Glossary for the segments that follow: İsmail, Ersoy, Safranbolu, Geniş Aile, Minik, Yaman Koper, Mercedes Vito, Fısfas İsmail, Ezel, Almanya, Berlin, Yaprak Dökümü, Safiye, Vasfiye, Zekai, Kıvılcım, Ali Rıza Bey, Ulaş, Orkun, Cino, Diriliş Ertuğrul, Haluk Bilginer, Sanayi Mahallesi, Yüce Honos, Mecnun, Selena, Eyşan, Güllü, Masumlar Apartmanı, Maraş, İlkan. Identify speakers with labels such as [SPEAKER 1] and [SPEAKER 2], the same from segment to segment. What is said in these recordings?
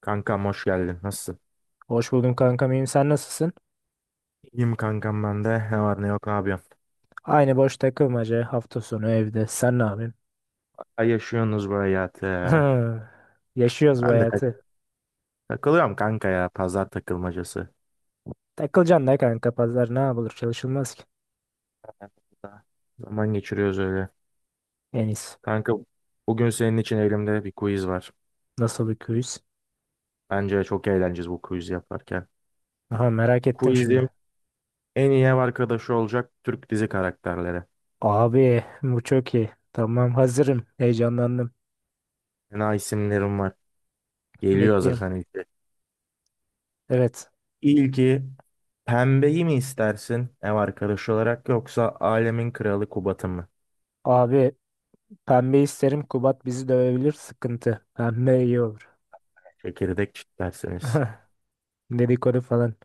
[SPEAKER 1] Kankam hoş geldin. Nasılsın?
[SPEAKER 2] Hoş buldum kankam, iyiyim, sen nasılsın?
[SPEAKER 1] İyiyim kankam ben de. Ne var ne yok ne yapıyorsun?
[SPEAKER 2] Aynı boş takılmaca, hafta sonu evde, sen ne yapıyorsun?
[SPEAKER 1] Ay yaşıyorsunuz bu hayatı.
[SPEAKER 2] Yaşıyoruz bu
[SPEAKER 1] Ben de tak-
[SPEAKER 2] hayatı.
[SPEAKER 1] Takılıyorum kanka ya. Pazar takılmacası.
[SPEAKER 2] Takılacaksın da kanka, pazar ne yapılır, çalışılmaz ki.
[SPEAKER 1] Hayatımda zaman geçiriyoruz öyle.
[SPEAKER 2] En iyisi.
[SPEAKER 1] Kanka, bugün senin için elimde bir quiz var.
[SPEAKER 2] Nasıl bir quiz?
[SPEAKER 1] Bence çok eğleneceğiz bu quiz yaparken.
[SPEAKER 2] Aha, merak ettim
[SPEAKER 1] Quizim
[SPEAKER 2] şimdi.
[SPEAKER 1] en iyi ev arkadaşı olacak Türk dizi karakterleri.
[SPEAKER 2] Abi bu çok iyi. Tamam, hazırım. Heyecanlandım.
[SPEAKER 1] Fena isimlerim var. Geliyor
[SPEAKER 2] Bekliyorum.
[SPEAKER 1] hazırsan ilki.
[SPEAKER 2] Evet.
[SPEAKER 1] İlki, pembeyi mi istersin ev arkadaşı olarak yoksa alemin kralı Kubat'ı mı?
[SPEAKER 2] Abi pembe isterim, Kubat bizi dövebilir, sıkıntı. Pembe iyi olur.
[SPEAKER 1] Çekirdek çitlersiniz.
[SPEAKER 2] Dedikodu falan.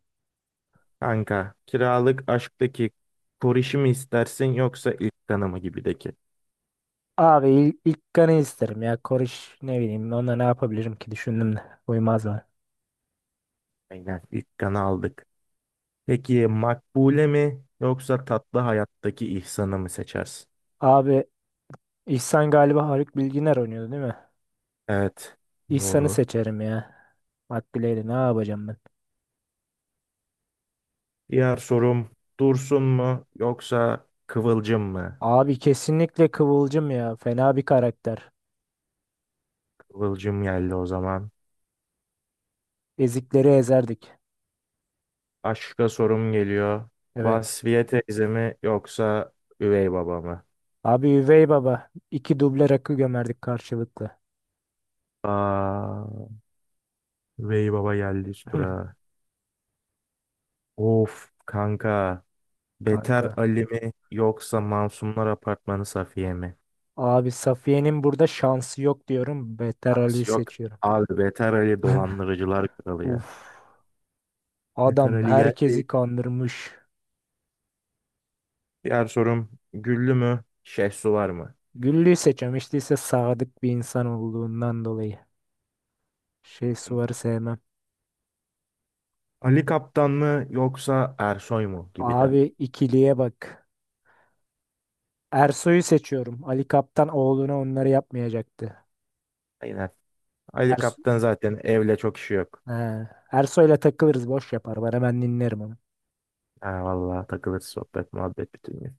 [SPEAKER 1] Kanka, kiralık aşktaki korişi mi istersin yoksa ilk kanı mı gibideki?
[SPEAKER 2] Abi ilk kanı isterim ya. Koriş, ne bileyim onunla ne yapabilirim ki, düşündüm de. Uymazlar.
[SPEAKER 1] Aynen, ilk kanı aldık. Peki makbule mi yoksa tatlı hayattaki ihsanı mı seçersin?
[SPEAKER 2] Abi İhsan galiba Haluk Bilginer oynuyordu, değil mi?
[SPEAKER 1] Evet,
[SPEAKER 2] İhsan'ı
[SPEAKER 1] doğru.
[SPEAKER 2] seçerim ya. Makbule'yle ne yapacağım ben?
[SPEAKER 1] Diğer sorum, dursun mu yoksa kıvılcım mı?
[SPEAKER 2] Abi kesinlikle Kıvılcım ya. Fena bir karakter.
[SPEAKER 1] Kıvılcım geldi o zaman.
[SPEAKER 2] Ezikleri ezerdik.
[SPEAKER 1] Aşka sorum geliyor.
[SPEAKER 2] Evet.
[SPEAKER 1] Vasfiye teyze mi yoksa üvey baba mı?
[SPEAKER 2] Abi Üvey Baba. İki duble rakı gömerdik karşılıklı.
[SPEAKER 1] Aa, üvey baba geldi üst durağa. Of kanka. Beter
[SPEAKER 2] Kanka.
[SPEAKER 1] Ali mi yoksa Masumlar Apartmanı Safiye mi?
[SPEAKER 2] Abi Safiye'nin burada şansı yok diyorum. Beter Ali'yi
[SPEAKER 1] Şans yok
[SPEAKER 2] seçiyorum.
[SPEAKER 1] abi, Beter Ali dolandırıcılar kralı ya.
[SPEAKER 2] Uf.
[SPEAKER 1] Beter
[SPEAKER 2] Adam
[SPEAKER 1] Ali geldi.
[SPEAKER 2] herkesi kandırmış.
[SPEAKER 1] Diğer sorum, Güllü mü? Şehsu var mı?
[SPEAKER 2] Güllü'yü seçemiştiyse sadık bir insan olduğundan dolayı. Şey Suvar'ı sevmem.
[SPEAKER 1] Ali Kaptan mı yoksa Ersoy mu gibi de.
[SPEAKER 2] Abi ikiliye bak. Ersoy'u seçiyorum. Ali Kaptan oğluna onları yapmayacaktı.
[SPEAKER 1] Aynen. Ali
[SPEAKER 2] Erso
[SPEAKER 1] Kaptan zaten evle çok işi yok.
[SPEAKER 2] He. Ersoy'la takılırız, boş yapar. Ben dinlerim onu.
[SPEAKER 1] Ha, vallahi takılır sohbet muhabbet bütün gün.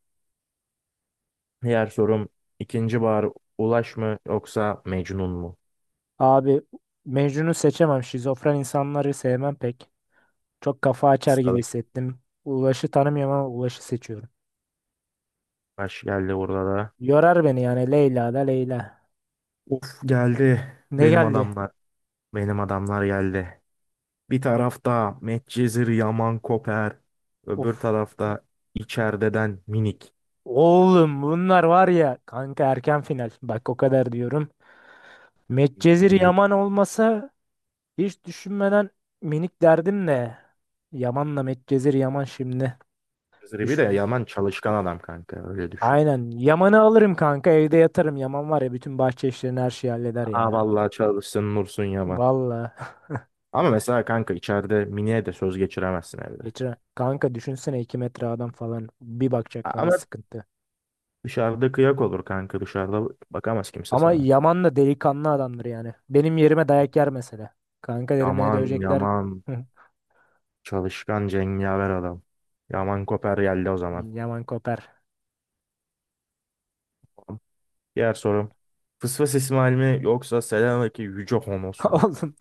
[SPEAKER 1] Diğer sorum, ikinci bahar Ulaş mı yoksa Mecnun mu?
[SPEAKER 2] Abi Mecnun'u seçemem. Şizofren insanları sevmem pek. Çok kafa açar gibi
[SPEAKER 1] Stalık
[SPEAKER 2] hissettim. Ulaş'ı tanımıyorum ama Ulaş'ı seçiyorum.
[SPEAKER 1] baş geldi burada.
[SPEAKER 2] Yorar beni yani, Leyla da Leyla.
[SPEAKER 1] Of, geldi
[SPEAKER 2] Ne
[SPEAKER 1] benim
[SPEAKER 2] geldi?
[SPEAKER 1] adamlar. Benim adamlar geldi. Bir tarafta Medcezir Yaman Koper. Öbür
[SPEAKER 2] Of.
[SPEAKER 1] tarafta içerideden Minik.
[SPEAKER 2] Oğlum bunlar var ya kanka, erken final. Bak, o kadar diyorum. Medcezir
[SPEAKER 1] Minik.
[SPEAKER 2] Yaman olmasa hiç düşünmeden minik derdim de. Yaman'la Medcezir Yaman şimdi
[SPEAKER 1] Medcezir bir de
[SPEAKER 2] düşün.
[SPEAKER 1] Yaman çalışkan adam kanka, öyle düşün.
[SPEAKER 2] Aynen. Yaman'ı alırım kanka, evde yatarım. Yaman var ya, bütün bahçe işlerini, her şeyi halleder
[SPEAKER 1] Aa
[SPEAKER 2] ya.
[SPEAKER 1] vallahi çalışsın Nursun Yaman.
[SPEAKER 2] Valla.
[SPEAKER 1] Ama mesela kanka içeride Minik'e de söz geçiremezsin evde.
[SPEAKER 2] Geçer kanka, düşünsene, 2 metre adam falan, bir bakacak bana,
[SPEAKER 1] Ama
[SPEAKER 2] sıkıntı.
[SPEAKER 1] dışarıda kıyak olur kanka, dışarıda bakamaz kimse
[SPEAKER 2] Ama
[SPEAKER 1] sana.
[SPEAKER 2] Yaman da delikanlı adamdır yani. Benim yerime dayak yer mesela. Kanka derim, beni
[SPEAKER 1] Yaman
[SPEAKER 2] dövecekler.
[SPEAKER 1] Yaman çalışkan cengaver adam. Yaman Koper geldi o zaman.
[SPEAKER 2] Yaman Koper.
[SPEAKER 1] Diğer sorum. Fısfas İsmail mi yoksa Selanik'e Yüce Honos mu?
[SPEAKER 2] Oğlum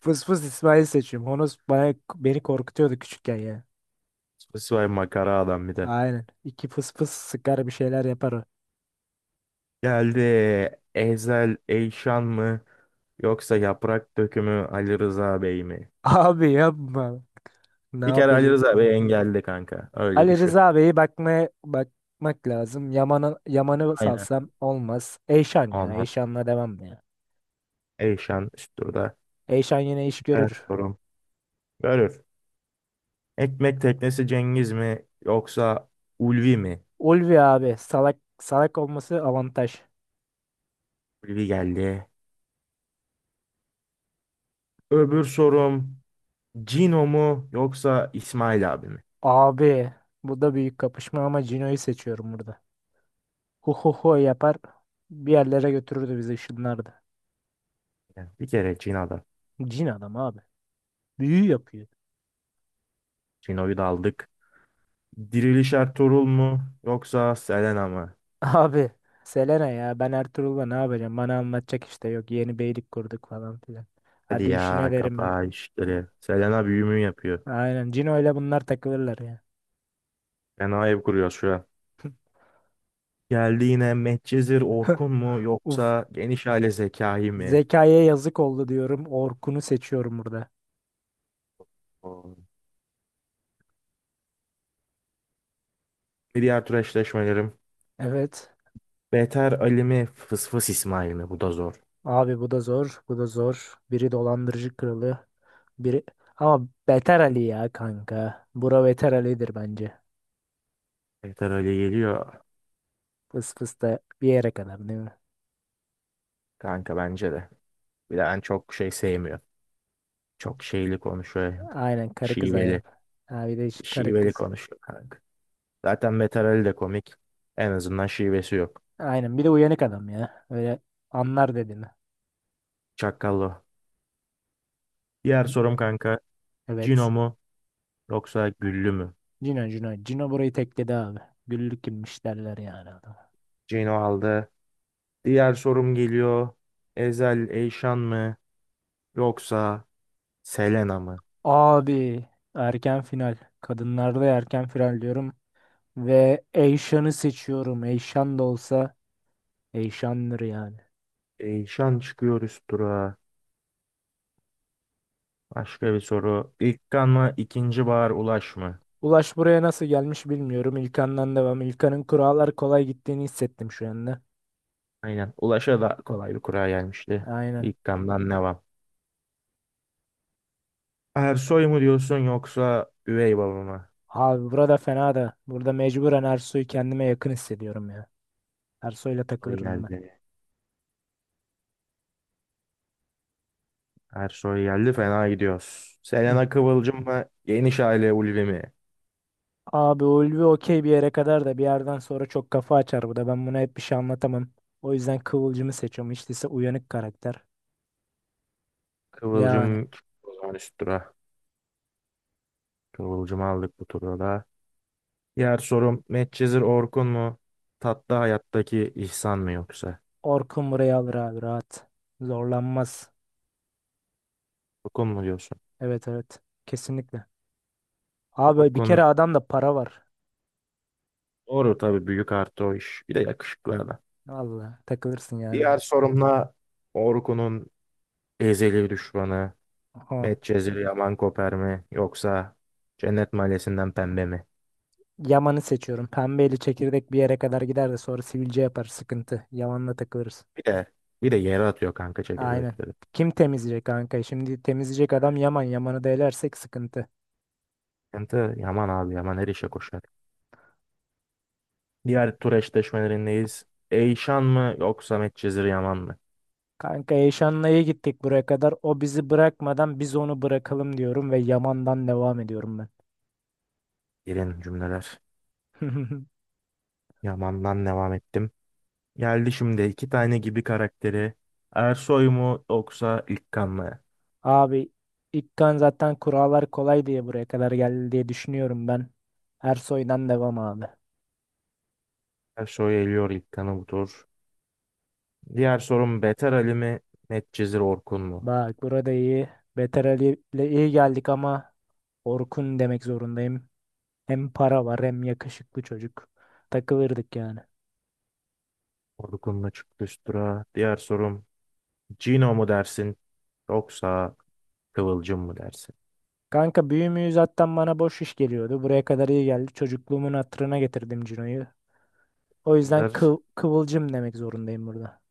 [SPEAKER 2] fıs fıs İsmail seçiyorum. Honos beni korkutuyordu küçükken ya.
[SPEAKER 1] Fısfas İsmail makara adam bir de.
[SPEAKER 2] Aynen. İki fıs fıs sıkar, bir şeyler yapar o.
[SPEAKER 1] Geldi. Ezel Eyşan mı yoksa Yaprak Dökümü Ali Rıza Bey mi?
[SPEAKER 2] Abi yapma. Ne
[SPEAKER 1] Bir kere Ali
[SPEAKER 2] yapacağız?
[SPEAKER 1] Rıza Bey engelli kanka. Öyle
[SPEAKER 2] Ali
[SPEAKER 1] düşün.
[SPEAKER 2] Rıza Bey'i bakmaya, bakmak lazım. Yaman'ı
[SPEAKER 1] Aynen.
[SPEAKER 2] salsam olmaz. Eyşan ya.
[SPEAKER 1] Aman.
[SPEAKER 2] Eyşan'la devam ya.
[SPEAKER 1] Eyşan üst turda.
[SPEAKER 2] Eyşan yine iş
[SPEAKER 1] Diğer
[SPEAKER 2] görür.
[SPEAKER 1] sorum. Görür. Ekmek teknesi Cengiz mi yoksa Ulvi mi?
[SPEAKER 2] Ulvi abi, salak salak olması avantaj.
[SPEAKER 1] Ulvi geldi. Öbür sorum, Cino mu yoksa İsmail abi mi?
[SPEAKER 2] Abi bu da büyük kapışma ama Cino'yu seçiyorum burada. Hu hu hu yapar. Bir yerlere götürürdü bizi, ışınlardı.
[SPEAKER 1] Yani bir kere Cino'da.
[SPEAKER 2] Cin adam abi. Büyü yapıyor.
[SPEAKER 1] Shino'yu da aldık. Diriliş Ertuğrul mu yoksa Selena mı?
[SPEAKER 2] Abi Selena ya, ben Ertuğrul'la ne yapacağım? Bana anlatacak işte, yok yeni beylik kurduk falan filan.
[SPEAKER 1] Hadi
[SPEAKER 2] Hadi işine
[SPEAKER 1] ya,
[SPEAKER 2] derim ya.
[SPEAKER 1] kapa işleri. Selena büyümü yapıyor.
[SPEAKER 2] Aynen, Cino'yla bunlar takılırlar ya.
[SPEAKER 1] Fena ev kuruyor şu an. Geldi yine, Medcezir Orkun mu
[SPEAKER 2] Uf,
[SPEAKER 1] yoksa geniş aile Zekai mi?
[SPEAKER 2] zekaya yazık oldu diyorum. Orkun'u seçiyorum burada.
[SPEAKER 1] Oo. Bir diğer tur eşleşmelerim.
[SPEAKER 2] Evet,
[SPEAKER 1] Beter Ali mi Fısfıs İsmail mi? Bu da zor.
[SPEAKER 2] abi bu da zor, bu da zor. Biri dolandırıcı kralı, biri ama Beter Ali ya kanka. Bura Beter Ali'dir bence.
[SPEAKER 1] Beter Ali geliyor
[SPEAKER 2] Fıs fıs da bir yere kadar, değil mi?
[SPEAKER 1] kanka, bence de. Bir de Ben çok şey sevmiyor. Çok şeyli konuşuyor.
[SPEAKER 2] Aynen, karı kız
[SPEAKER 1] Şiveli.
[SPEAKER 2] hayatı. Abi de iş karı
[SPEAKER 1] Şiveli
[SPEAKER 2] kız.
[SPEAKER 1] konuşuyor kanka. Zaten Metarel de komik. En azından şivesi yok.
[SPEAKER 2] Aynen, bir de uyanık adam ya. Öyle anlar dediğini.
[SPEAKER 1] Çakallı. Diğer sorum kanka. Cino
[SPEAKER 2] Evet.
[SPEAKER 1] mu yoksa Güllü mü?
[SPEAKER 2] Cino, Cino. Cino burayı tekledi abi. Güllük kimmiş derler yani adam.
[SPEAKER 1] Cino aldı. Diğer sorum geliyor. Ezel Eyşan mı yoksa Selena mı?
[SPEAKER 2] Abi erken final. Kadınlarda erken final diyorum. Ve Eyşan'ı seçiyorum. Eyşan da olsa Eyşan'dır yani.
[SPEAKER 1] Eyşan çıkıyor üst durağa. Başka bir soru. İlkan mı ikinci Bahar Ulaş mı?
[SPEAKER 2] Ulaş buraya nasıl gelmiş bilmiyorum. İlkan'dan devam. İlkan'ın kurallar kolay gittiğini hissettim şu anda.
[SPEAKER 1] Aynen. Ulaş'a da kolay bir kura gelmişti.
[SPEAKER 2] Aynen.
[SPEAKER 1] İlkan'dan devam. Ersoy mu diyorsun yoksa üvey baba mı?
[SPEAKER 2] Abi burada fena da. Burada mecburen Ersoy'u kendime yakın hissediyorum ya. Ersoy'la
[SPEAKER 1] Soy
[SPEAKER 2] takılırdım ben.
[SPEAKER 1] geldi. Ersoy geldi, fena gidiyoruz. Selena Kıvılcım mı? Geniş aile Ulvi mi?
[SPEAKER 2] Abi Ulvi okey bir yere kadar da bir yerden sonra çok kafa açar bu da. Ben buna hep bir şey anlatamam. O yüzden Kıvılcım'ı seçiyorum. Hiç değilse uyanık karakter. Yani.
[SPEAKER 1] Kıvılcım o zaman üst tura. Kıvılcım'ı aldık bu turda da. Diğer sorum, Medcezir Orkun mu? Tatlı Hayat'taki İhsan mı yoksa?
[SPEAKER 2] Orkun burayı alır abi, rahat. Zorlanmaz.
[SPEAKER 1] Orkun mu diyorsun?
[SPEAKER 2] Evet, evet. Kesinlikle. Abi bir
[SPEAKER 1] Orkun
[SPEAKER 2] kere adamda para var.
[SPEAKER 1] doğru tabii, büyük artı o iş. Bir de yakışıklı adam.
[SPEAKER 2] Vallahi takılırsın yani.
[SPEAKER 1] Diğer sorumla Orkun'un ezeli düşmanı
[SPEAKER 2] Aha.
[SPEAKER 1] Medcezir Yaman Koper mi? Yoksa Cennet Mahallesi'nden Pembe mi?
[SPEAKER 2] Yaman'ı seçiyorum. Pembeli çekirdek bir yere kadar gider de sonra sivilce yapar, sıkıntı. Yaman'la takılırız.
[SPEAKER 1] Bir de bir de yere atıyor kanka
[SPEAKER 2] Aynen.
[SPEAKER 1] çekirdekleri.
[SPEAKER 2] Kim temizleyecek kanka? Şimdi temizleyecek adam Yaman. Yaman'ı da elersek sıkıntı.
[SPEAKER 1] Kente Yaman abi, Yaman her işe koşar. Diğer tur eşleşmelerindeyiz. Eyşan mı yoksa Medcezir Yaman mı?
[SPEAKER 2] Kanka Eşanlı'ya gittik buraya kadar. O bizi bırakmadan biz onu bırakalım diyorum ve Yaman'dan devam ediyorum ben.
[SPEAKER 1] Gelin cümleler. Yaman'dan devam ettim. Geldi şimdi iki tane gibi karakteri. Ersoy mu yoksa İlkan mı?
[SPEAKER 2] Abi İlkan zaten kurallar kolay diye buraya kadar geldi diye düşünüyorum ben. Ersoy'dan devam abi.
[SPEAKER 1] Ersoy eliyor İlkan'ı bu tur. Diğer sorum, Beter Ali mi Medcezir Orkun mu?
[SPEAKER 2] Bak burada iyi. Beter Ali ile iyi geldik ama Orkun demek zorundayım. Hem para var, hem yakışıklı çocuk. Takılırdık yani.
[SPEAKER 1] Orkun'la çıktı üst tura. Diğer sorum, Cino mu dersin yoksa Kıvılcım mı dersin?
[SPEAKER 2] Kanka büyü müyü zaten bana boş iş geliyordu. Buraya kadar iyi geldi. Çocukluğumun hatırına getirdim Cino'yu. O yüzden
[SPEAKER 1] Bunlar
[SPEAKER 2] kıvılcım demek zorundayım burada.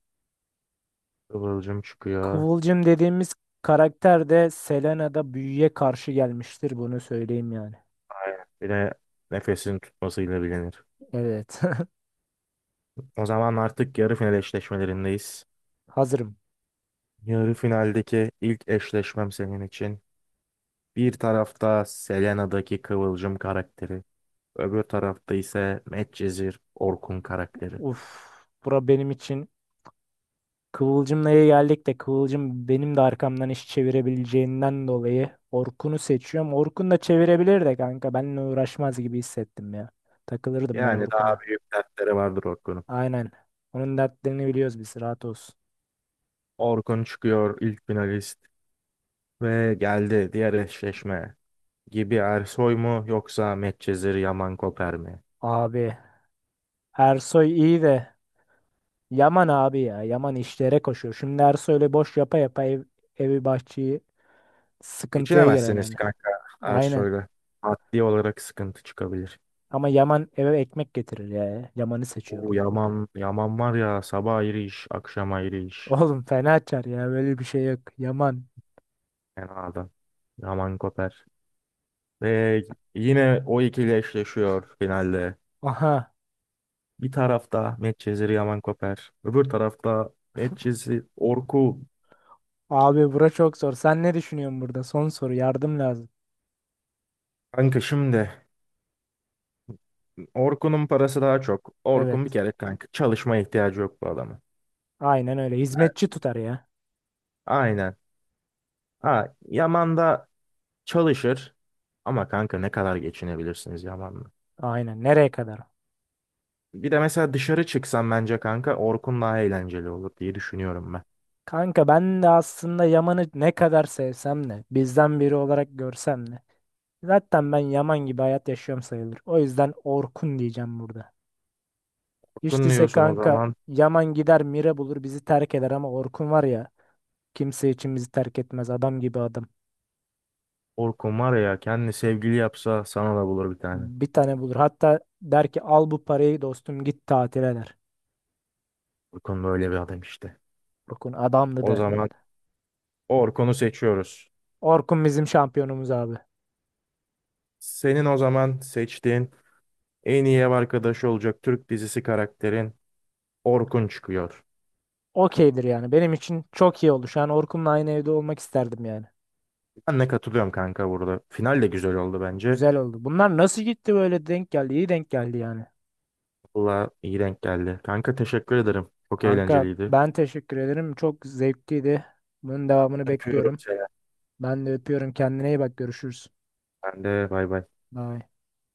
[SPEAKER 1] Kıvılcım çıkıyor.
[SPEAKER 2] Kıvılcım dediğimiz karakter de Selena'da büyüye karşı gelmiştir. Bunu söyleyeyim yani.
[SPEAKER 1] Aynen. Bir de nefesini tutmasıyla bilinir.
[SPEAKER 2] Evet.
[SPEAKER 1] O zaman artık yarı final eşleşmelerindeyiz.
[SPEAKER 2] Hazırım.
[SPEAKER 1] Yarı finaldeki ilk eşleşmem senin için. Bir tarafta Selena'daki Kıvılcım karakteri. Öbür tarafta ise Medcezir Orkun karakteri.
[SPEAKER 2] Uf. Bura benim için, kıvılcım neye geldik de Kıvılcım benim de arkamdan iş çevirebileceğinden dolayı Orkun'u seçiyorum. Orkun da çevirebilir de kanka. Benimle uğraşmaz gibi hissettim ya. Takılırdım ben
[SPEAKER 1] Yani daha
[SPEAKER 2] Orkun'la.
[SPEAKER 1] büyük dertleri vardır Orkun'un.
[SPEAKER 2] Aynen. Onun dertlerini biliyoruz biz. Rahat olsun.
[SPEAKER 1] Orkun çıkıyor ilk finalist ve geldi diğer eşleşme. Gibi Ersoy mu yoksa Medcezir Yaman Koper mi?
[SPEAKER 2] Abi. Ersoy iyi de. Yaman abi ya. Yaman işlere koşuyor. Şimdi Ersoy öyle boş yapa yapa evi, bahçeyi, sıkıntıya girer
[SPEAKER 1] Geçinemezsiniz
[SPEAKER 2] yani.
[SPEAKER 1] kanka
[SPEAKER 2] Aynen.
[SPEAKER 1] Ersoy'la. Maddi olarak sıkıntı çıkabilir.
[SPEAKER 2] Ama Yaman eve ekmek getirir ya. Yaman'ı seçiyorum.
[SPEAKER 1] O Yaman var ya, sabah ayrı iş, akşam ayrı iş.
[SPEAKER 2] Oğlum fena açar ya. Böyle bir şey yok. Yaman.
[SPEAKER 1] Fena adam. Yaman Koper. Ve yine o ikili eşleşiyor finalde.
[SPEAKER 2] Aha.
[SPEAKER 1] Bir tarafta Medcezir Yaman Koper. Öbür tarafta Medcezir Orku.
[SPEAKER 2] Abi bura çok zor. Sen ne düşünüyorsun burada? Son soru. Yardım lazım.
[SPEAKER 1] Kanka şimdi Orkun'un parası daha çok.
[SPEAKER 2] Evet.
[SPEAKER 1] Orkun bir kere kanka, çalışmaya ihtiyacı yok bu adamın.
[SPEAKER 2] Aynen öyle.
[SPEAKER 1] A-
[SPEAKER 2] Hizmetçi tutar ya.
[SPEAKER 1] Aynen. Ha, Yaman da çalışır. Ama kanka ne kadar geçinebilirsiniz Yaman'la?
[SPEAKER 2] Aynen. Nereye kadar?
[SPEAKER 1] Bir de mesela dışarı çıksan bence kanka Orkun daha eğlenceli olur diye düşünüyorum ben.
[SPEAKER 2] Kanka ben de aslında Yaman'ı ne kadar sevsem de bizden biri olarak görsem de, zaten ben Yaman gibi hayat yaşıyorum sayılır. O yüzden Orkun diyeceğim burada. Hiç
[SPEAKER 1] Orkun
[SPEAKER 2] değilse
[SPEAKER 1] diyorsun o
[SPEAKER 2] kanka,
[SPEAKER 1] zaman.
[SPEAKER 2] Yaman gider Mire bulur bizi terk eder ama Orkun var ya, kimse için bizi terk etmez, adam gibi adam.
[SPEAKER 1] Orkun var ya, kendi sevgili yapsa sana da bulur bir tane.
[SPEAKER 2] Bir tane bulur. Hatta der ki, al bu parayı dostum, git tatile der.
[SPEAKER 1] Orkun böyle bir adam işte.
[SPEAKER 2] Orkun adamdı
[SPEAKER 1] O
[SPEAKER 2] der.
[SPEAKER 1] zaman Orkun'u seçiyoruz.
[SPEAKER 2] Orkun bizim şampiyonumuz abi.
[SPEAKER 1] Senin o zaman seçtiğin en iyi ev arkadaşı olacak Türk dizisi karakterin Orkun çıkıyor.
[SPEAKER 2] Okeydir yani. Benim için çok iyi oldu. Şu an Orkun'la aynı evde olmak isterdim yani.
[SPEAKER 1] Ben de katılıyorum kanka burada. Final de güzel oldu bence.
[SPEAKER 2] Güzel oldu. Bunlar nasıl gitti böyle, denk geldi? İyi denk geldi yani.
[SPEAKER 1] Valla iyi denk geldi. Kanka teşekkür ederim. Çok
[SPEAKER 2] Kanka
[SPEAKER 1] eğlenceliydi.
[SPEAKER 2] ben teşekkür ederim. Çok zevkliydi. Bunun devamını
[SPEAKER 1] Öpüyorum
[SPEAKER 2] bekliyorum.
[SPEAKER 1] seni.
[SPEAKER 2] Ben de öpüyorum. Kendine iyi bak. Görüşürüz.
[SPEAKER 1] Ben de bay bay.
[SPEAKER 2] Bye.